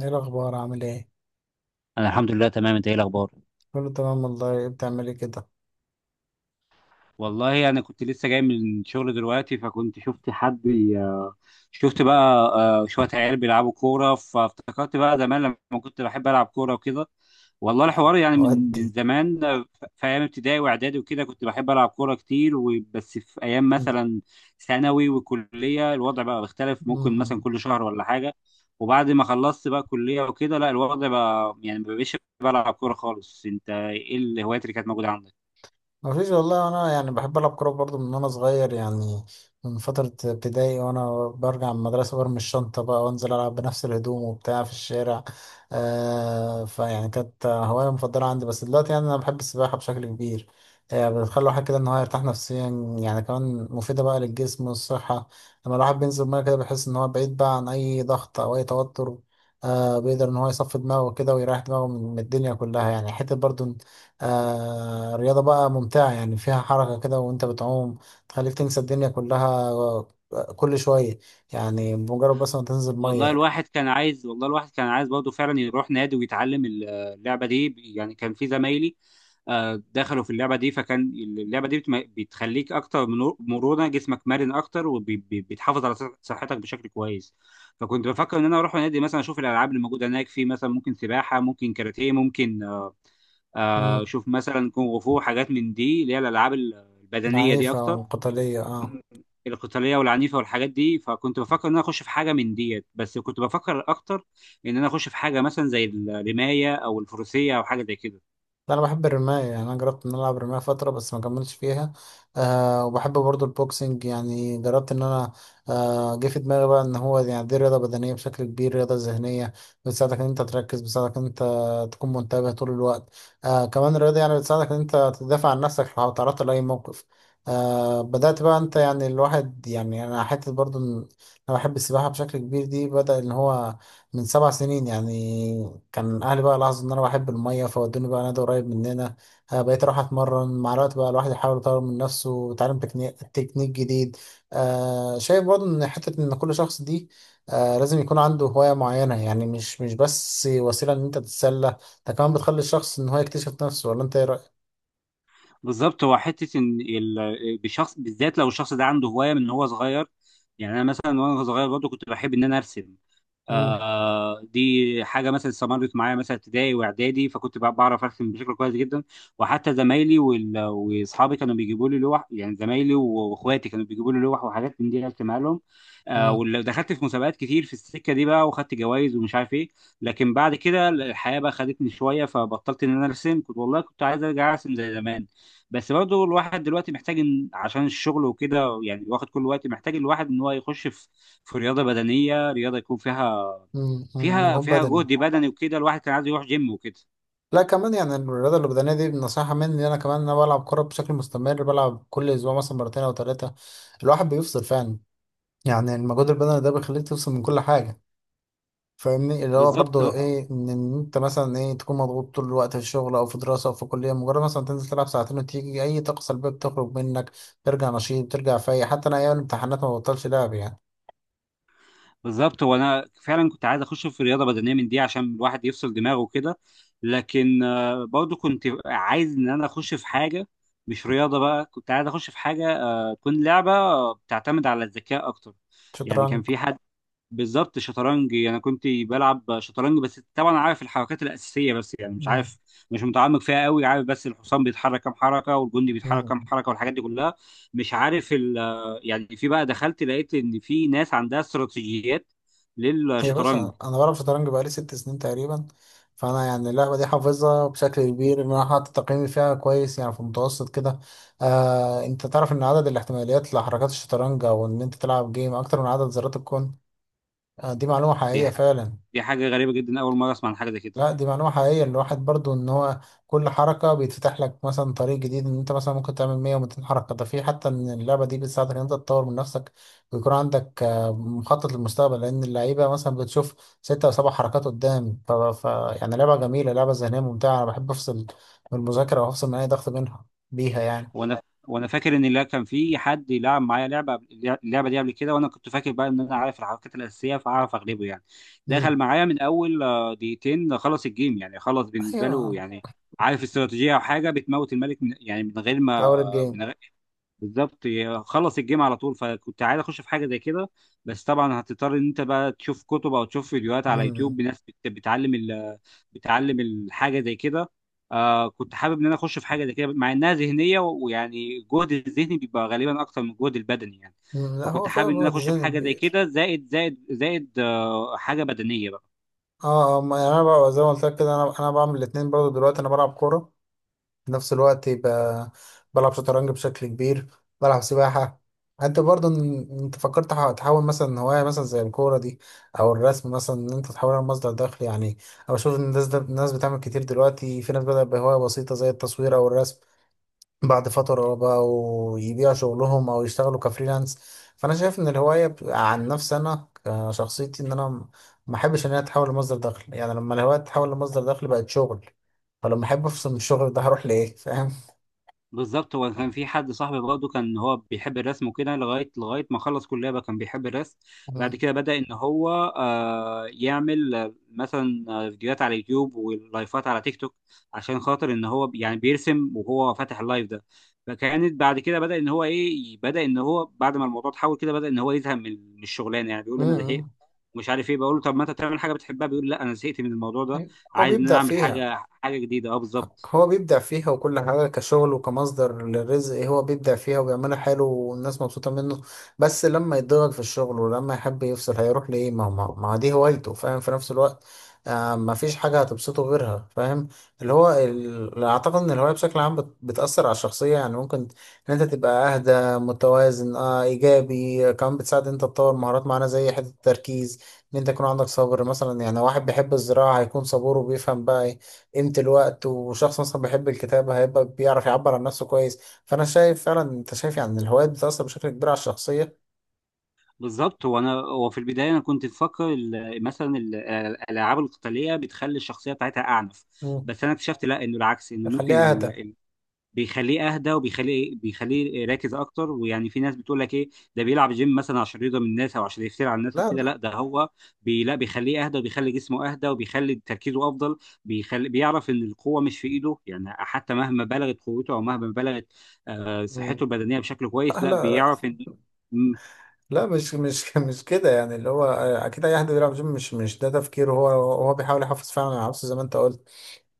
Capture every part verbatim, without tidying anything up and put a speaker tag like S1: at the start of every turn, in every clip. S1: ايه الاخبار؟ عامل ايه؟
S2: انا الحمد لله تمام. انت ايه الاخبار؟
S1: كله تمام والله. إيه بتعملي كده؟
S2: والله انا كنت لسه جاي من الشغل دلوقتي، فكنت شفت حد بي- شفت بقى، آه، شويه عيال بيلعبوا كوره، فافتكرت بقى زمان لما كنت بحب العب كوره وكده. والله الحوار يعني من
S1: ودي.
S2: من زمان. آه، ف- في ايام ابتدائي واعدادي وكده كنت بحب العب كوره كتير، وبس في ايام
S1: مم.
S2: مثلا ثانوي وكليه الوضع بقى بيختلف، ممكن مثلا
S1: مم.
S2: كل شهر ولا حاجه. وبعد ما خلصت بقى كليه وكده، لا الوضع بقى يعني ما بقيتش بلعب كوره خالص. انت ايه الهوايات اللي كانت موجوده عندك؟
S1: مفيش والله. انا يعني بحب العب كوره برضو من وانا صغير، يعني من فتره ابتدائي وانا برجع من المدرسه برمي الشنطه بقى وانزل العب بنفس الهدوم وبتاع في الشارع. آه فيعني كانت هوايه مفضله عندي، بس دلوقتي يعني انا بحب السباحه بشكل كبير. آه بتخلي الواحد كده ان هو يرتاح نفسيا، يعني كمان مفيده بقى للجسم والصحه. لما الواحد بينزل ميه كده بيحس ان هو بعيد بقى عن اي ضغط او اي توتر. آه بيقدر ان هو يصفي دماغه كده ويريح دماغه من من الدنيا كلها، يعني حته برضو. آه رياضة بقى ممتعة، يعني فيها حركة كده وانت بتعوم، تخليك تنسى الدنيا كلها. آه، كل شوية يعني، بمجرد بس ما تنزل
S2: والله
S1: مية.
S2: الواحد كان عايز والله الواحد كان عايز برضه فعلا يروح نادي ويتعلم اللعبه دي. يعني كان في زمايلي آه، دخلوا في اللعبه دي، فكان اللعبه دي بتم- بتخليك اكتر، من- مرونه جسمك مرن اكتر، وبتحافظ على صح- صحتك بشكل كويس. فكنت بفكر ان انا اروح نادي مثلا اشوف الالعاب اللي موجوده هناك، في مثلا ممكن سباحه، ممكن كاراتيه، ممكن آه،
S1: مم،
S2: اشوف مثلا كونغ فو، حاجات من دي اللي هي الالعاب البدنيه دي
S1: العنيفة
S2: اكتر.
S1: والقتالية، اه.
S2: مم. القتاليه والعنيفه والحاجات دي، فكنت بفكر ان انا اخش في حاجه من ديت، بس كنت بفكر اكتر ان انا اخش في حاجه مثلا زي الرمايه او الفروسيه او حاجه زي كده.
S1: لا، انا بحب الرماية، يعني انا جربت ان انا العب رماية فترة بس ما كملتش فيها. أه وبحب برضو البوكسنج، يعني جربت ان انا. أه جه في دماغي بقى ان هو يعني دي رياضة بدنية بشكل كبير، رياضة ذهنية بتساعدك ان انت تركز، بتساعدك ان انت تكون منتبه طول الوقت. أه كمان الرياضة يعني بتساعدك ان انت تدافع عن نفسك لو تعرضت لأي موقف. أه بدأت بقى انت، يعني الواحد، يعني انا حتة برضو إن انا بحب السباحة بشكل كبير. دي بدأ ان هو من سبع سنين يعني. كان أهلي بقى لاحظوا إن أنا بحب المية فودوني بقى نادي قريب مننا. آه، بقيت أروح أتمرن مع الوقت. بقى الواحد يحاول يطور من نفسه ويتعلم تكنيك تكنيك جديد. آه شايف برضه إن حتة إن كل شخص دي آه لازم يكون عنده هواية معينة، يعني مش مش بس وسيلة إن أنت تتسلى، ده كمان بتخلي الشخص إن هو يكتشف نفسه. ولا أنت إيه رأيك؟
S2: بالظبط، هو حته ان، ال- بشخص بالذات، لو الشخص ده عنده هوايه من هو صغير. يعني انا مثلا وانا صغير برضه كنت بحب ان انا ارسم،
S1: مم،
S2: آه، دي حاجه مثلا استمرت معايا مثلا ابتدائي واعدادي، فكنت بع- بعرف ارسم بشكل كويس جدا. وحتى زمايلي وال- واصحابي كانوا بيجيبوا لي لوح، يعني زمايلي و- واخواتي كانوا بيجيبوا لي لوح وحاجات من دي ارسمها لهم. آه،
S1: مم،
S2: ودخلت في مسابقات كتير في السكه دي بقى، وخدت جوائز ومش عارف ايه. لكن بعد كده الحياه بقى خدتني شويه، فبطلت ان انا ارسم. كنت والله كنت عايز ارجع ارسم زي زمان، بس برضه الواحد دلوقتي محتاج، إن عشان الشغل وكده يعني واخد كل وقت، محتاج الواحد ان هو يخش في في رياضه بدنيه، رياضه يكون فيها
S1: مم، مم،
S2: فيها
S1: مجهود
S2: فيها
S1: بدني.
S2: جهد بدني وكده، الواحد كان عايز يروح جيم وكده.
S1: لا، كمان يعني الرياضة البدنية دي نصيحة مني. أنا كمان أنا بلعب كورة بشكل مستمر، بلعب كل أسبوع مثلا مرتين أو ثلاثة. الواحد بيفصل فعلا. يعني المجهود البدني ده بيخليك تفصل من كل حاجة، فاهمني، اللي هو
S2: بالظبط.
S1: برضو إيه، إن إن أنت مثلا إيه تكون مضغوط طول الوقت في الشغل أو في دراسة أو في كلية، مجرد مثلا تنزل تلعب ساعتين وتيجي أي طاقة سلبية بتخرج منك، ترجع نشيط، ترجع فايق. حتى أنا أيام الامتحانات ما ببطلش لعب يعني.
S2: بالظبط، وانا فعلا كنت عايز اخش في رياضه بدنيه من دي عشان الواحد يفصل دماغه وكده. لكن آه، برضه كنت عايز ان انا اخش في حاجه مش رياضه بقى، كنت عايز اخش في حاجه آه، تكون لعبه بتعتمد على الذكاء اكتر. يعني كان
S1: شطرنج.
S2: في حد. بالظبط، شطرنج. يعني انا كنت بلعب شطرنج، بس طبعا عارف الحركات الاساسيه بس، يعني مش
S1: مم.
S2: عارف، مش متعمق فيها قوي. عارف بس الحصان بيتحرك كام حركه والجندي بيتحرك كام
S1: مم.
S2: حركه والحاجات دي كلها، مش عارف ال. يعني في بقى، دخلت لقيت ان في ناس عندها استراتيجيات
S1: يا
S2: للشطرنج.
S1: باشا، انا بلعب شطرنج بقالي ست سنين تقريبا، فانا يعني اللعبه دي حافظها بشكل كبير، ان انا حاطط تقييمي فيها كويس يعني، في المتوسط كده. آه انت تعرف ان عدد الاحتماليات لحركات الشطرنج او ان انت تلعب جيم اكتر من عدد ذرات الكون. آه دي معلومه
S2: دي
S1: حقيقيه
S2: ح-
S1: فعلا.
S2: دي حاجه غريبه جدا، اول مره اسمع عن حاجه زي كده.
S1: لا، دي معلومة حقيقية. الواحد برضو ان هو كل حركة بيتفتح لك مثلا طريق جديد، ان انت مثلا ممكن تعمل مية و200 حركة. ده في حتى ان اللعبة دي بتساعدك ان انت تطور من نفسك، ويكون عندك آه، مخطط للمستقبل، لان اللعيبة مثلا بتشوف ستة او سبع حركات قدام. ف... ف... يعني لعبة جميلة، لعبة ذهنية ممتعة. انا بحب افصل من المذاكرة وافصل من اي ضغط منها بيها يعني.
S2: وانا وانا فاكر ان لا، كان في حد يلعب معايا لعبه قبل- اللعبه دي قبل كده، وانا كنت فاكر بقى ان انا عارف الحركات الاساسيه، فاعرف اغلبه يعني. دخل
S1: امم.
S2: معايا من اول آه، دقيقتين، خلص الجيم، يعني خلص بالنسبه له
S1: ايوه.
S2: يعني. عارف استراتيجيه او حاجه بتموت الملك من، يعني من غير
S1: في
S2: ما،
S1: اول الجيم.
S2: من غير، بالظبط. ي- خلص الجيم على طول، فكنت عايز اخش في حاجه زي كده. بس طبعا هتضطر ان انت بقى تشوف كتب او تشوف فيديوهات على يوتيوب
S1: امم.
S2: بناس بت- بتعلم ال، بتعلم الحاجه زي كده. آه كنت حابب ان انا اخش في حاجه زي كده، مع انها ذهنيه، ويعني الجهد الذهني بيبقى غالبا اكتر من الجهد البدني يعني.
S1: أمم، لا، هو
S2: فكنت
S1: فعلا
S2: حابب ان انا
S1: بيبقى
S2: اخش في
S1: تزيين
S2: حاجه زي
S1: كبير.
S2: كده، زائد زائد زائد آه حاجه بدنيه بقى.
S1: اه. آه، ما يعني انا بقى زي ما قلت لك كده، انا انا بعمل الاثنين برضو دلوقتي. انا بلعب كورة في نفس الوقت، يبقى بلعب شطرنج بشكل كبير، بلعب سباحة. انت برضه ان- انت فكرت تح- تحول مثلا هواية مثلا زي الكورة دي او الرسم مثلا، ان انت تحولها لمصدر دخل يعني. او اشوف إن الناس، ده الناس بتعمل كتير دلوقتي، في ناس بدأت بهواية بسيطة زي التصوير او الرسم، بعد فترة بقوا يبيعوا شغلهم او يشتغلوا كفريلانس. فانا شايف ان الهواية ب- عن نفسي انا، كشخصيتي، ان انا م- ما احبش ان هي تتحول لمصدر دخل. يعني لما الهواية تتحول لمصدر دخل بقت شغل، فلما احب افصل من الشغل ده هروح لايه، فاهم؟
S2: بالظبط. هو كان في حد صاحبي برضه كان هو بيحب الرسم وكده، لغايه لغايه ما خلص كليه بقى كان بيحب الرسم. بعد
S1: مم.
S2: كده بدأ ان هو آه يعمل آه، مثلا آه، فيديوهات على يوتيوب ولايفات على تيك توك، عشان خاطر ان هو بي- يعني بيرسم وهو فاتح اللايف ده. فكانت بعد كده بدأ ان هو ايه، بدأ ان هو بعد ما الموضوع اتحول كده بدأ ان هو يزهق من من الشغلانه. يعني بيقول انا زهقت
S1: مم.
S2: مش عارف ايه، بقول له طب ما انت تعمل حاجه بتحبها، بيقول لا انا زهقت من الموضوع ده،
S1: هو
S2: عايز ان انا
S1: بيبدع
S2: اعمل
S1: فيها.
S2: حاجه حاجه جديده. اه، بالظبط.
S1: هو بيبدع فيها وكل حاجة كشغل وكمصدر للرزق، إيه، هو بيبدع فيها وبيعملها حلو والناس مبسوطة منه، بس لما يتضغط في الشغل ولما يحب يفصل هيروح لإيه؟ ما ما ما دي هوايته، فاهم، في نفس الوقت. آه ما فيش حاجة هتبسطه غيرها، فاهم. اللي هو ال... أعتقد إن الهواية بشكل عام بت... بتأثر على الشخصية، يعني ممكن إن أنت تبقى أهدى، متوازن، آه إيجابي. كمان بتساعد إن أنت تطور مهارات معينة زي حتة التركيز، إن أنت يكون عندك صبر مثلا. يعني واحد بيحب الزراعة هيكون صبور وبيفهم بقى إيه قيمة الوقت، وشخص مثلا بيحب الكتابة هيبقى بيعرف يعبر عن نفسه كويس. فأنا شايف فعلا. أنت شايف يعني الهوايات بتأثر بشكل كبير على الشخصية؟
S2: بالظبط، هو انا هو في البدايه انا كنت مفكر ال، مثلا ال- الالعاب القتاليه بتخلي الشخصيه بتاعتها اعنف.
S1: مم.
S2: بس انا اكتشفت لا، انه العكس، انه ممكن
S1: يخليها
S2: ال،
S1: أهدى.
S2: ال، بيخليه اهدى، وبيخليه إيه، بيخليه راكز اكتر. ويعني في ناس بتقول لك ايه، ده بيلعب جيم مثلا عشان يرضى من الناس، او عشان يفتري على الناس او
S1: لا،
S2: كده،
S1: لا.
S2: لا ده هو بي، لا بيخليه اهدى، وبيخلي جسمه اهدى، وبيخلي تركيزه افضل. بيخلي بيعرف ان القوه مش في ايده، يعني حتى مهما بلغت قوته، او مهما بلغت آه،
S1: مم.
S2: صحته البدنيه بشكل كويس،
S1: لا،
S2: لا
S1: لا،
S2: بيعرف ان.
S1: لا، مش مش مش كده. يعني اللي هو أكيد أي حد بيلعب جيم مش مش ده تفكيره. هو هو بيحاول يحافظ فعلا على نفسه زي ما أنت قلت.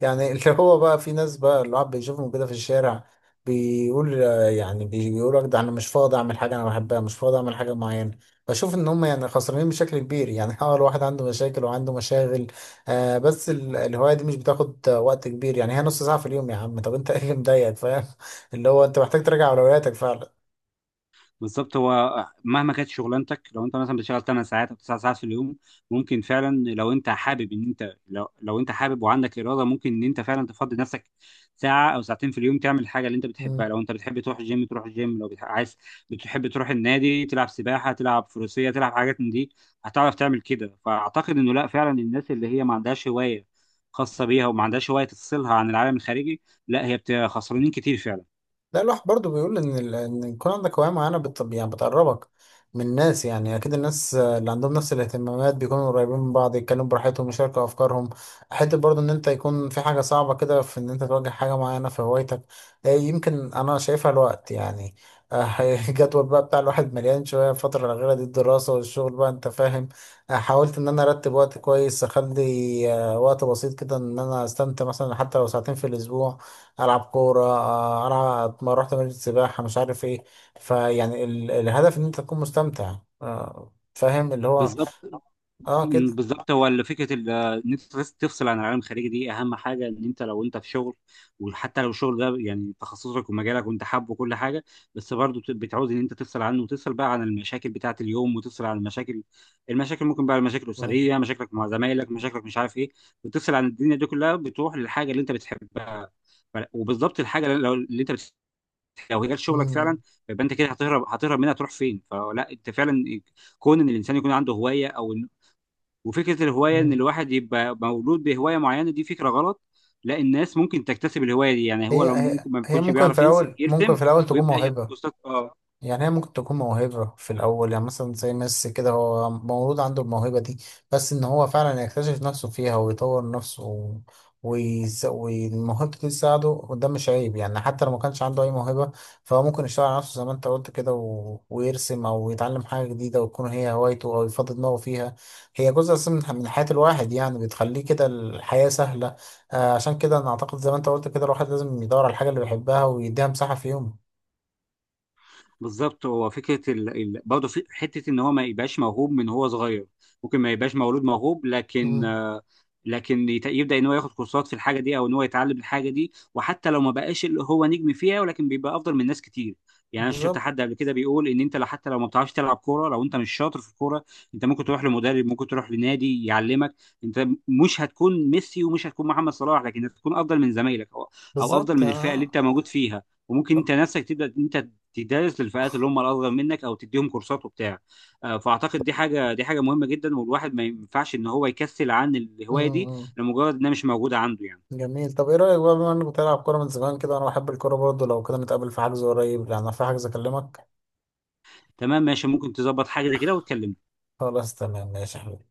S1: يعني اللي هو بقى في ناس بقى اللي الواحد بيشوفهم كده في الشارع بيقول، يعني بيقول لك ده انا مش فاضي اعمل حاجه انا بحبها، مش فاضي اعمل حاجه معينه. بشوف ان هم يعني خسرانين بشكل كبير يعني. اه، الواحد عنده مشاكل وعنده مشاغل، آه بس ال- الهوايه دي مش بتاخد وقت كبير، يعني هي نص ساعه في اليوم، يا عم، طب انت ايه اللي مضايقك، فاهم؟ اللي هو انت محتاج تراجع اولوياتك فعلا.
S2: بالظبط، هو مهما كانت شغلانتك، لو انت مثلا بتشتغل 8 ساعات او 9 ساعات في اليوم، ممكن فعلا لو انت حابب، ان انت لو, لو انت حابب وعندك اراده، ممكن ان انت فعلا تفضي نفسك ساعه او ساعتين في اليوم تعمل الحاجه اللي انت بتحبها. لو انت بتحب تروح الجيم تروح الجيم، لو بتح- عايز بتحب تروح النادي، تلعب سباحه، تلعب فروسيه، تلعب حاجات من دي، هتعرف تعمل كده. فاعتقد انه لا، فعلا الناس اللي هي ما عندهاش هوايه خاصه بيها، وما عندهاش هوايه تفصلها عن العالم الخارجي، لا هي بت- خسرانين كتير فعلا.
S1: ده اللوح برضو بيقول ان ال- ان يكون عندك هوايه معينه بت... يعني بتقربك من الناس. يعني اكيد الناس اللي عندهم نفس الاهتمامات بيكونوا قريبين من بعض، يتكلموا براحتهم، يشاركوا افكارهم، حته برضو ان انت يكون في حاجه صعبه كده في ان انت تواجه حاجه معينه في هوايتك. آه، يمكن انا شايفها الوقت يعني. آه، الجدول بقى بتاع الواحد مليان شويه الفتره الاخيره دي، الدراسه والشغل بقى، انت فاهم. آه، حاولت ان انا ارتب وقت كويس، اخلي آه، وقت بسيط كده ان انا استمتع مثلا، حتى لو ساعتين في الاسبوع العب كوره، آه، العب، ما رحت نادي السباحه، مش عارف ايه. فيعني ال- الهدف ان انت تكون مستمتع، آه، فاهم اللي هو،
S2: بالظبط.
S1: اه،
S2: مم،
S1: كده.
S2: بالظبط، هو ال- فكره ال- آه، ان انت تفص- تفصل عن العالم الخارجي، دي اهم حاجه. ان انت لو انت في شغل، وحتى لو الشغل ده يعني تخصصك ومجالك وانت حابه وكل حاجه، بس برضه بت- بتعوز ان انت تفصل عنه، وتفصل بقى عن المشاكل بتاعه اليوم، وتفصل عن المشاكل، المشاكل ممكن بقى المشاكل
S1: مم.
S2: الاسريه، مشاكلك مع زمايلك، مشاكلك مش عارف ايه، وتفصل عن الدنيا دي كلها بتروح للحاجه اللي انت بتحبها. ف- وبالظبط الحاجه اللي لو اللي انت بتحبها، لو هي جت شغلك
S1: مم.
S2: فعلا، يبقى انت كده هتهرب، هتهرب منها تروح فين؟ فلا، انت فعلا، كون ان الانسان يكون عنده هوايه، او وفكره الهوايه ان
S1: مم.
S2: الواحد يبقى مولود بهوايه معينه، دي فكره غلط. لا، الناس ممكن تكتسب الهوايه دي، يعني هو
S1: هي
S2: لو
S1: هي
S2: ممكن ما
S1: هي
S2: بيكونش
S1: ممكن في
S2: بيعرف ينس-
S1: الاول، ممكن
S2: يرسم،
S1: في الاول تكون
S2: ويبدا ياخد
S1: موهبه.
S2: كورسات. اه،
S1: يعني هي ممكن تكون موهبة في الأول، يعني مثلا زي ميسي كده هو مولود عنده الموهبة دي، بس إن هو فعلا يكتشف نفسه فيها ويطور نفسه و- ويس- والموهبة دي تساعده. وده مش عيب، يعني حتى لو ما كانش عنده أي موهبة، فهو ممكن يشتغل على نفسه زي ما أنت قلت كده و... ويرسم أو يتعلم حاجة جديدة وتكون هي هوايته أو يفضي دماغه فيها. هي جزء أساسي من من حياة الواحد، يعني بتخليه كده الحياة سهلة. آه عشان كده أنا أعتقد زي ما أنت قلت كده الواحد لازم يدور على الحاجة اللي بيحبها ويديها مساحة في يومه.
S2: بالظبط. هو فكره ال، ال، برضه في حته ان هو ما يبقاش موهوب من هو صغير، ممكن ما يبقاش مولود موهوب، لكن
S1: مم.
S2: آه، لكن يت- يبدا ان هو ياخد كورسات في الحاجه دي، او ان هو يتعلم الحاجه دي، وحتى لو ما بقاش اللي هو نجم فيها، ولكن بيبقى افضل من ناس كتير. يعني انا شفت
S1: بالظبط،
S2: حد قبل كده بيقول ان انت لو حتى لو ما بتعرفش تلعب كوره، لو انت مش شاطر في الكوره، انت ممكن تروح لمدرب، ممكن تروح لنادي يعلمك. انت مش هتكون ميسي ومش هتكون محمد صلاح، لكن هتكون افضل من زمايلك، او او افضل
S1: بالظبط،
S2: من الفئه اللي انت
S1: اه
S2: موجود فيها، وممكن
S1: طب،
S2: انت نفسك تبدا انت تدرس للفئات اللي هم الاصغر منك، او تديهم كورسات وبتاع. آه، فاعتقد دي حاجه، دي حاجه مهمه جدا، والواحد ما ينفعش ان هو يكسل عن الهوايه دي
S1: مم.
S2: لمجرد انها مش موجوده عنده يعني.
S1: جميل. طب ايه رأيك بقى، بما انك بتلعب كورة من زمان كده وانا بحب الكورة برضه، لو كده نتقابل في حجز قريب، لان أنا في حجز. اكلمك.
S2: تمام ماشي، ممكن تظبط حاجه زي كده وتكلمني.
S1: خلاص، تمام، ماشي يا حبيبي.